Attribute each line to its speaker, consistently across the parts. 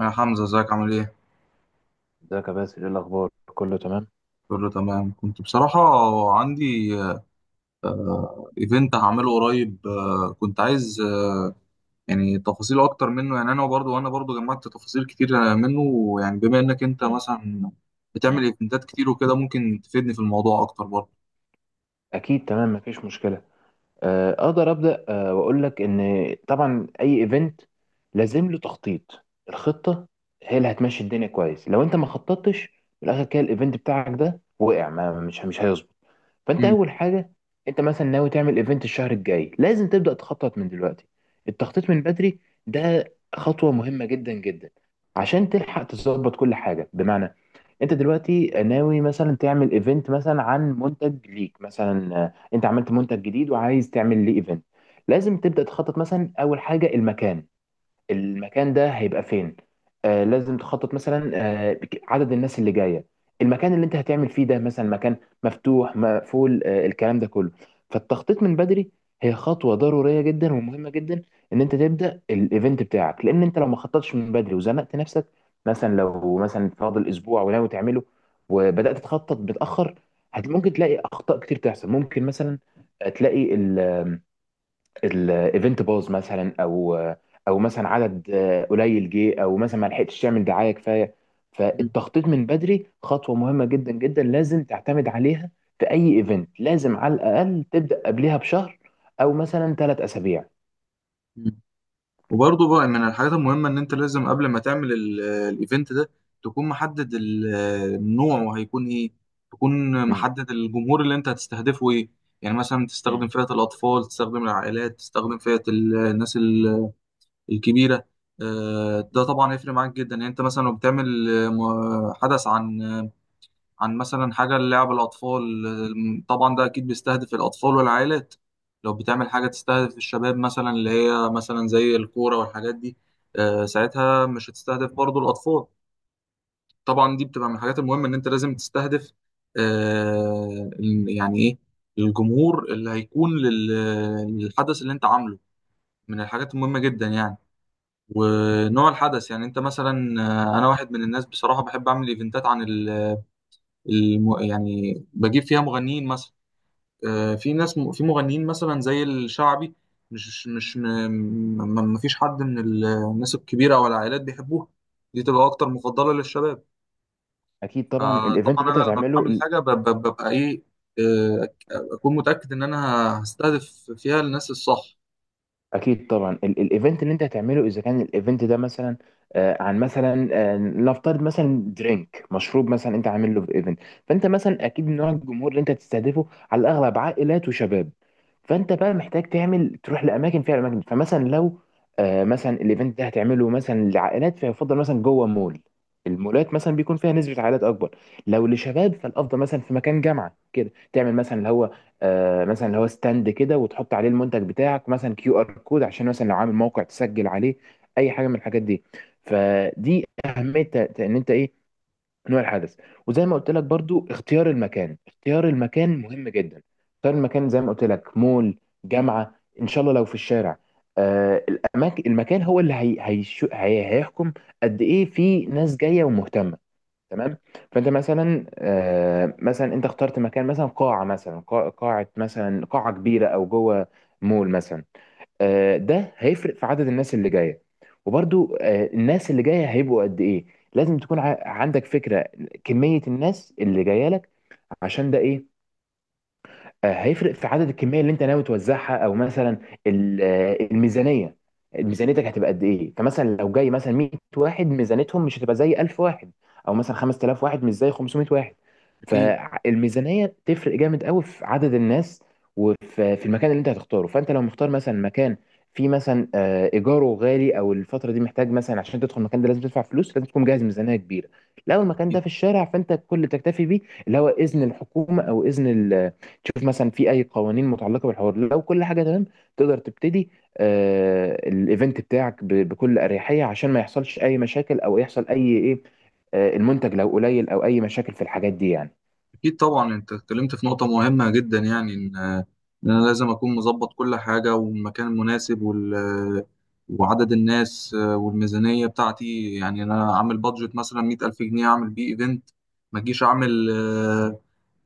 Speaker 1: يا حمزة، ازيك عامل ايه؟
Speaker 2: ازيك يا باسل، ايه الاخبار؟ كله تمام.
Speaker 1: كله تمام. كنت بصراحة عندي ايفنت هعمله قريب. كنت عايز يعني تفاصيل اكتر منه. يعني انا برضو وانا برضو جمعت تفاصيل كتير منه، يعني بما انك انت
Speaker 2: مم.
Speaker 1: مثلا
Speaker 2: مم.
Speaker 1: بتعمل ايفنتات كتير وكده، ممكن تفيدني في الموضوع اكتر برضو.
Speaker 2: اكيد تمام، مفيش مشكله. اقدر ابدا واقول لك ان طبعا اي ايفنت لازم له تخطيط. الخطه هي اللي هتمشي الدنيا كويس، لو انت ما خططتش في الاخر كده الايفنت بتاعك ده وقع ما مش هيظبط. فانت
Speaker 1: مم.
Speaker 2: اول حاجه، انت مثلا ناوي تعمل ايفنت الشهر الجاي لازم تبدا تخطط من دلوقتي. التخطيط من بدري ده خطوه مهمه جدا جدا، عشان تلحق تظبط كل حاجه. بمعنى، انت دلوقتي ناوي مثلا تعمل ايفنت مثلا عن منتج ليك، مثلا انت عملت منتج جديد وعايز تعمل ليه ايفنت. لازم تبدا تخطط مثلا، اول حاجه المكان. المكان ده هيبقى فين؟ آه لازم تخطط مثلا، عدد الناس اللي جايه، المكان اللي انت هتعمل فيه ده مثلا مكان مفتوح، مقفول، آه الكلام ده كله. فالتخطيط من بدري هي خطوه ضروريه جدا ومهمه جدا ان انت تبدا الايفنت بتاعك، لان انت لو ما خططتش من بدري وزنقت نفسك، مثلا لو مثلا فاضل اسبوع وناوي تعمله وبدات تخطط متاخر، ممكن تلاقي اخطاء كتير تحصل. ممكن مثلا تلاقي الايفنت باظ مثلا، او مثلا عدد قليل جه، او مثلا ما لحقتش تعمل دعايه كفايه. فالتخطيط من بدري خطوه مهمه جدا جدا، لازم تعتمد عليها في اي ايفنت. لازم على الاقل تبدا قبلها بشهر، او مثلا ثلاث اسابيع.
Speaker 1: مم. وبرضه بقى من الحاجات المهمة إن أنت لازم قبل ما تعمل الإيفنت ده، تكون محدد النوع وهيكون إيه، تكون
Speaker 2: مم.
Speaker 1: محدد الجمهور اللي أنت هتستهدفه إيه. يعني مثلا تستخدم
Speaker 2: مم.
Speaker 1: فئة الأطفال، تستخدم العائلات، تستخدم فئة الناس الكبيرة. ده طبعا هيفرق معاك جدا. يعني أنت مثلا لو بتعمل حدث عن مثلا حاجة للعب الأطفال، طبعا ده أكيد بيستهدف الأطفال والعائلات. لو بتعمل حاجة تستهدف الشباب مثلا اللي هي مثلا زي الكورة والحاجات دي، ساعتها مش هتستهدف برضو الأطفال. طبعا دي بتبقى من الحاجات المهمة إن أنت لازم تستهدف يعني إيه الجمهور اللي هيكون للحدث اللي أنت عامله. من الحاجات المهمة جدا يعني، ونوع الحدث يعني. أنت مثلا أنا واحد من الناس بصراحة بحب أعمل إيفنتات عن يعني بجيب فيها مغنيين مثلا.
Speaker 2: مم.
Speaker 1: في ناس في مغنيين مثلا زي الشعبي. مش مش م... ما ما فيش حد من الناس الكبيرة أو العائلات بيحبوها. دي تبقى أكتر مفضلة للشباب.
Speaker 2: اكيد طبعا الايفنت اللي
Speaker 1: فطبعا
Speaker 2: انت
Speaker 1: أنا لما بعمل
Speaker 2: هتعمله.
Speaker 1: حاجة ببقى إيه. آه، أكون متأكد إن أنا هستهدف فيها الناس الصح.
Speaker 2: اكيد طبعا الايفنت اللي انت هتعمله، اذا كان الايفنت ده مثلا عن مثلا، نفترض مثلا درينك، مشروب مثلا انت عامل له في ايفنت. فانت مثلا اكيد نوع الجمهور اللي انت تستهدفه على الاغلب عائلات وشباب. فانت بقى محتاج تعمل تروح لاماكن فيها اماكن. فمثلا لو مثلا الايفنت ده هتعمله مثلا لعائلات، فيفضل مثلا جوه مول. المولات مثلا بيكون فيها نسبة عائلات اكبر. لو لشباب فالافضل مثلا في مكان جامعة كده، تعمل مثلا اللي هو مثلا اللي هو ستاند كده وتحط عليه المنتج بتاعك، مثلا كيو ار كود عشان مثلا لو عامل موقع تسجل عليه اي حاجه من الحاجات دي. فدي اهميه ان انت ايه نوع الحدث. وزي ما قلت لك برضو اختيار المكان، اختيار المكان مهم جدا. اختيار المكان زي ما قلت لك، مول، جامعه، ان شاء الله لو في الشارع، آه المكان هو اللي هي هيحكم قد ايه في ناس جايه ومهتمه. تمام. فانت مثلا مثلا انت اخترت مكان، مثلا قاعه، مثلا قاعه، مثلا قاعه كبيره او جوه مول مثلا. ده هيفرق في عدد الناس اللي جايه، وبرضو الناس اللي جايه هيبقوا قد ايه. لازم تكون عندك فكره كميه الناس اللي جايه لك، عشان ده ايه، هيفرق في عدد الكميه اللي انت ناوي توزعها، او مثلا الميزانيه. ميزانيتك هتبقى قد ايه؟ فمثلا لو جاي مثلا 100 واحد، ميزانيتهم مش هتبقى زي 1000 واحد، او مثلا 5000 واحد مش زي 500 واحد.
Speaker 1: أكيد.
Speaker 2: فالميزانيه تفرق جامد قوي في عدد الناس، وفي المكان اللي انت هتختاره. فانت لو مختار مثلا مكان فيه مثلا ايجاره غالي، او الفتره دي محتاج مثلا عشان تدخل المكان ده لازم تدفع فلوس، لازم تكون جاهز ميزانيه كبيره. لو المكان ده في الشارع، فانت كل اللي تكتفي بيه اللي هو اذن الحكومه، او اذن تشوف مثلا في اي قوانين متعلقه بالحوار. لو كل حاجه تمام تقدر تبتدي آه الايفنت بتاعك بكل اريحيه، عشان ما يحصلش اي مشاكل او يحصل اي ايه، آه المنتج لو قليل او اي مشاكل في الحاجات دي يعني.
Speaker 1: أكيد طبعا. أنت اتكلمت في نقطة مهمة جدا، يعني إن أنا لازم أكون مظبط كل حاجة، والمكان المناسب، وعدد الناس والميزانية بتاعتي. يعني أنا أعمل بادجت مثلا 100,000 جنيه أعمل بيه إيفنت، ما أجيش أعمل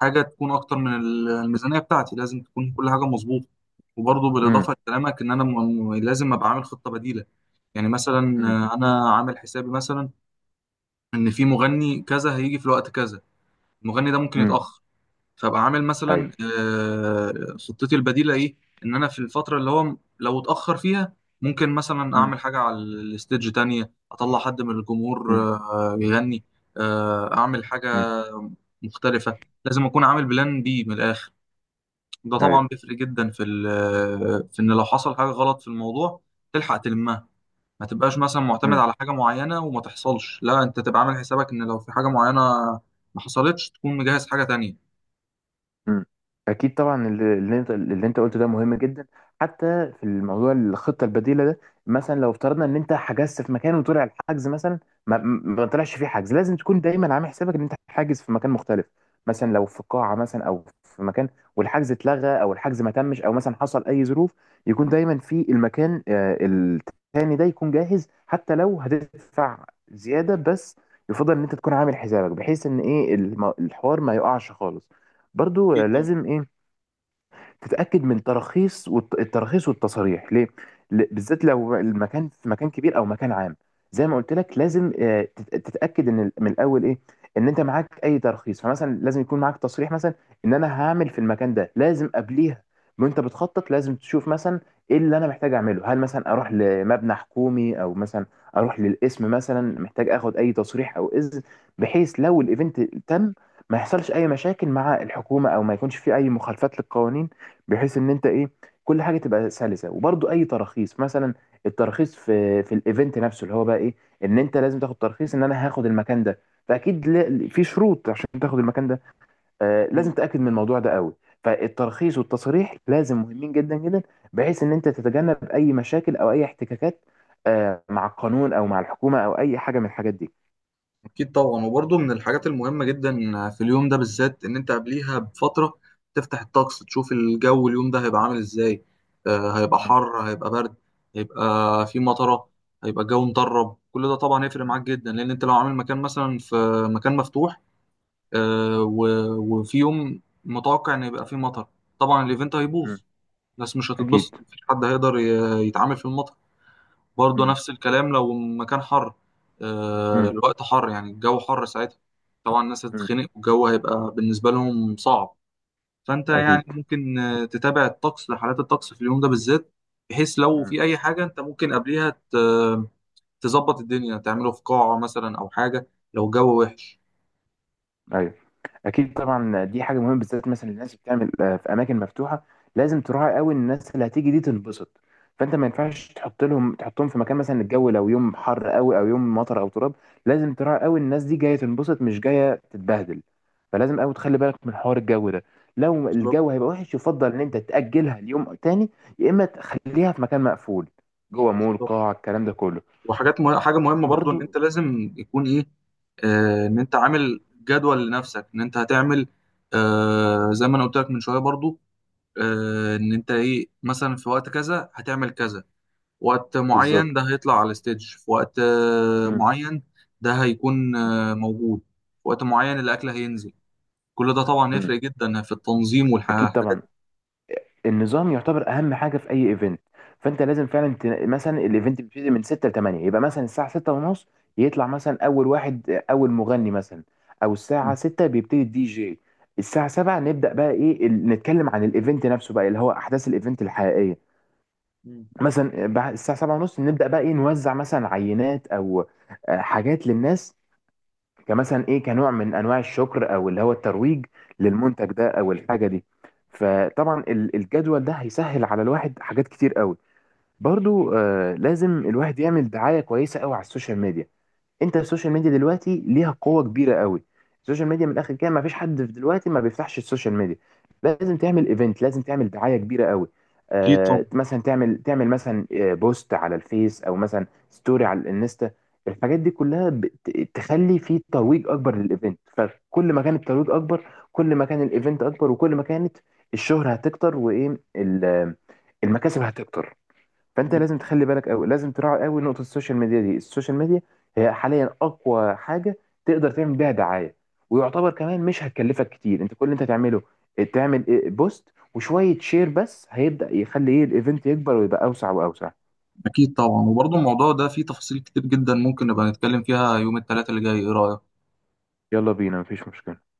Speaker 1: حاجة تكون أكتر من الميزانية بتاعتي. لازم تكون كل حاجة مظبوطة. وبرضه
Speaker 2: امم.
Speaker 1: بالإضافة لكلامك، إن أنا لازم أبقى عامل خطة بديلة. يعني مثلا
Speaker 2: امم.
Speaker 1: أنا عامل حسابي مثلا إن في مغني كذا هيجي في الوقت كذا. المغني ده ممكن
Speaker 2: امم.
Speaker 1: يتأخر، فابقى عامل مثلا
Speaker 2: ايوه.
Speaker 1: خطتي البديله ايه. ان انا في الفتره اللي هو لو اتاخر فيها، ممكن مثلا
Speaker 2: امم.
Speaker 1: اعمل حاجه على الستيج تانية، اطلع حد من الجمهور يغني، اعمل
Speaker 2: امم.
Speaker 1: حاجه مختلفه. لازم اكون عامل بلان بي من الاخر. ده
Speaker 2: ايوه.
Speaker 1: طبعا بيفرق جدا في ان لو حصل حاجه غلط في الموضوع تلحق تلمها. ما تبقاش مثلا معتمد على حاجه معينه وما تحصلش، لا انت تبقى عامل حسابك ان لو في حاجه معينه ما حصلتش تكون مجهز حاجه تانية.
Speaker 2: مم. اكيد طبعا اللي انت قلته ده مهم جدا، حتى في الموضوع الخطه البديله ده. مثلا لو افترضنا ان انت حجزت في مكان وطلع الحجز مثلا ما طلعش فيه حجز، لازم تكون دايما عامل حسابك ان انت حاجز في مكان مختلف. مثلا لو في قاعه مثلا او في مكان، والحجز اتلغى او الحجز ما تمش او مثلا حصل اي ظروف، يكون دايما في المكان التاني ده يكون جاهز، حتى لو هتدفع زياده بس يفضل ان انت تكون عامل حسابك بحيث ان ايه الحوار ما يقعش خالص. برضو
Speaker 1: اكيد طبعا.
Speaker 2: لازم ايه، تتاكد من تراخيص التراخيص والتصاريح ليه، بالذات لو المكان في مكان كبير او مكان عام. زي ما قلت لك لازم تتاكد ان من الاول ايه ان انت معاك اي ترخيص. فمثلا لازم يكون معاك تصريح مثلا ان انا هعمل في المكان ده، لازم قبليها وانت بتخطط لازم تشوف مثلا ايه اللي انا محتاج اعمله. هل مثلا اروح لمبنى حكومي، او مثلا اروح للقسم، مثلا محتاج اخد اي تصريح او اذن، بحيث لو الايفنت تم ما يحصلش اي مشاكل مع الحكومه، او ما يكونش في اي مخالفات للقوانين، بحيث ان انت ايه كل حاجه تبقى سلسه. وبرضو اي تراخيص، مثلا التراخيص في الايفنت نفسه، اللي هو بقى ايه ان انت لازم تاخد ترخيص ان انا هاخد المكان ده. فاكيد في شروط عشان تاخد المكان ده، آه لازم تاكد من الموضوع ده قوي. فالترخيص والتصريح لازم، مهمين جدا جدا، بحيث ان انت تتجنب اي مشاكل او اي احتكاكات آه مع القانون او مع الحكومه، او اي حاجه من الحاجات دي.
Speaker 1: أكيد طبعا. وبرضه من الحاجات المهمة جدا في اليوم ده بالذات، إن أنت قبليها بفترة تفتح الطقس تشوف الجو اليوم ده هيبقى عامل إزاي. هيبقى
Speaker 2: مم.
Speaker 1: حر، هيبقى برد، هيبقى في
Speaker 2: مم.
Speaker 1: مطرة، هيبقى الجو مطرب. كل ده طبعا هيفرق معاك جدا، لأن أنت لو عامل مكان مثلا في مكان مفتوح، وفي يوم متوقع إن يبقى فيه مطر، طبعا الإيفنت هيبوظ.
Speaker 2: مم.
Speaker 1: الناس مش هتتبسط،
Speaker 2: اكيد.
Speaker 1: مفيش حد هيقدر يتعامل في المطر. برضه
Speaker 2: مم.
Speaker 1: نفس الكلام لو مكان حر،
Speaker 2: مم.
Speaker 1: الوقت حر يعني الجو حر. ساعتها طبعا الناس
Speaker 2: مم.
Speaker 1: هتتخنق والجو هيبقى بالنسبة لهم صعب. فأنت
Speaker 2: اكيد.
Speaker 1: يعني ممكن تتابع الطقس، حالات الطقس في اليوم ده بالذات، بحيث لو في أي حاجة أنت ممكن قبليها تظبط الدنيا، تعمله في قاعة مثلا أو حاجة لو الجو وحش.
Speaker 2: ايوه. اكيد طبعا دي حاجه مهمه، بالذات مثلا الناس اللي بتعمل في اماكن مفتوحه، لازم تراعي قوي إن الناس اللي هتيجي دي تنبسط. فانت ما ينفعش تحطهم في مكان مثلا الجو لو يوم حر قوي، او يوم مطر، او تراب. لازم تراعي قوي إن الناس دي جايه تنبسط، مش جايه تتبهدل. فلازم قوي تخلي بالك من حوار الجو ده. لو
Speaker 1: بالظبط.
Speaker 2: الجو هيبقى وحش يفضل ان انت تاجلها ليوم تاني، يا اما تخليها في مكان مقفول، جوه مول،
Speaker 1: بالظبط.
Speaker 2: قاعه، الكلام ده كله.
Speaker 1: وحاجات مه... حاجة مهمة برضو، إن أنت
Speaker 2: برضو.
Speaker 1: لازم يكون إيه. إن أنت عامل جدول لنفسك إن أنت هتعمل. زي ما أنا قلت لك من شوية برضو. ان انت ايه مثلا في وقت كذا هتعمل كذا. وقت معين ده
Speaker 2: بالظبط.
Speaker 1: هيطلع على الستيج في وقت
Speaker 2: مم.
Speaker 1: معين. ده هيكون
Speaker 2: مم.
Speaker 1: موجود في وقت معين. الاكل هينزل. كل ده طبعا
Speaker 2: مم.
Speaker 1: يفرق جدا في التنظيم
Speaker 2: اكيد طبعا،
Speaker 1: والحاجات
Speaker 2: النظام يعتبر اهم حاجه في اي ايفنت. فانت لازم فعلا مثلا الايفنت بيبتدي من 6 ل 8، يبقى مثلا الساعه 6 ونص يطلع مثلا اول مغني مثلا، او
Speaker 1: دي.
Speaker 2: الساعه 6 بيبتدي الدي جي. الساعه 7 نبدا بقى ايه نتكلم عن الايفنت نفسه، بقى اللي هو احداث الايفنت الحقيقيه.
Speaker 1: مم.
Speaker 2: مثلا بعد الساعه 7 ونص نبدا بقى ايه، نوزع مثلا عينات او حاجات للناس، كمثلا ايه، كنوع من انواع الشكر، او اللي هو الترويج للمنتج ده او الحاجه دي. فطبعا الجدول ده هيسهل على الواحد حاجات كتير قوي. برضو آه لازم الواحد يعمل دعايه كويسه قوي على السوشيال ميديا. انت السوشيال ميديا دلوقتي ليها قوه كبيره قوي. السوشيال ميديا من الاخر كده ما فيش حد في دلوقتي ما بيفتحش السوشيال ميديا. لازم تعمل ايفنت، لازم تعمل دعايه كبيره قوي،
Speaker 1: اكيد
Speaker 2: آه
Speaker 1: طبعا.
Speaker 2: مثلا تعمل تعمل مثلا بوست على الفيس، او مثلا ستوري على الانستا. الحاجات دي كلها تخلي في ترويج اكبر للايفنت. فكل ما كان الترويج اكبر، كل ما كان الايفنت اكبر، وكل ما كانت الشهرة هتكتر، وايه المكاسب هتكتر. فانت
Speaker 1: مم.
Speaker 2: لازم تخلي بالك قوي، لازم تراعي قوي نقطه السوشيال ميديا دي. السوشيال ميديا هي حاليا اقوى حاجه تقدر تعمل بيها دعايه، ويعتبر كمان مش هتكلفك كتير. انت كل اللي انت تعمله، تعمل إيه؟ بوست وشويه شير بس، هيبدا يخلي ايه الايفنت يكبر، ويبقى اوسع واوسع.
Speaker 1: اكيد طبعا. وبرضه الموضوع ده فيه تفاصيل كتير جدا. ممكن نبقى نتكلم فيها يوم الثلاثاء اللي جاي، ايه رايك؟
Speaker 2: يلا بينا، مفيش مشكله.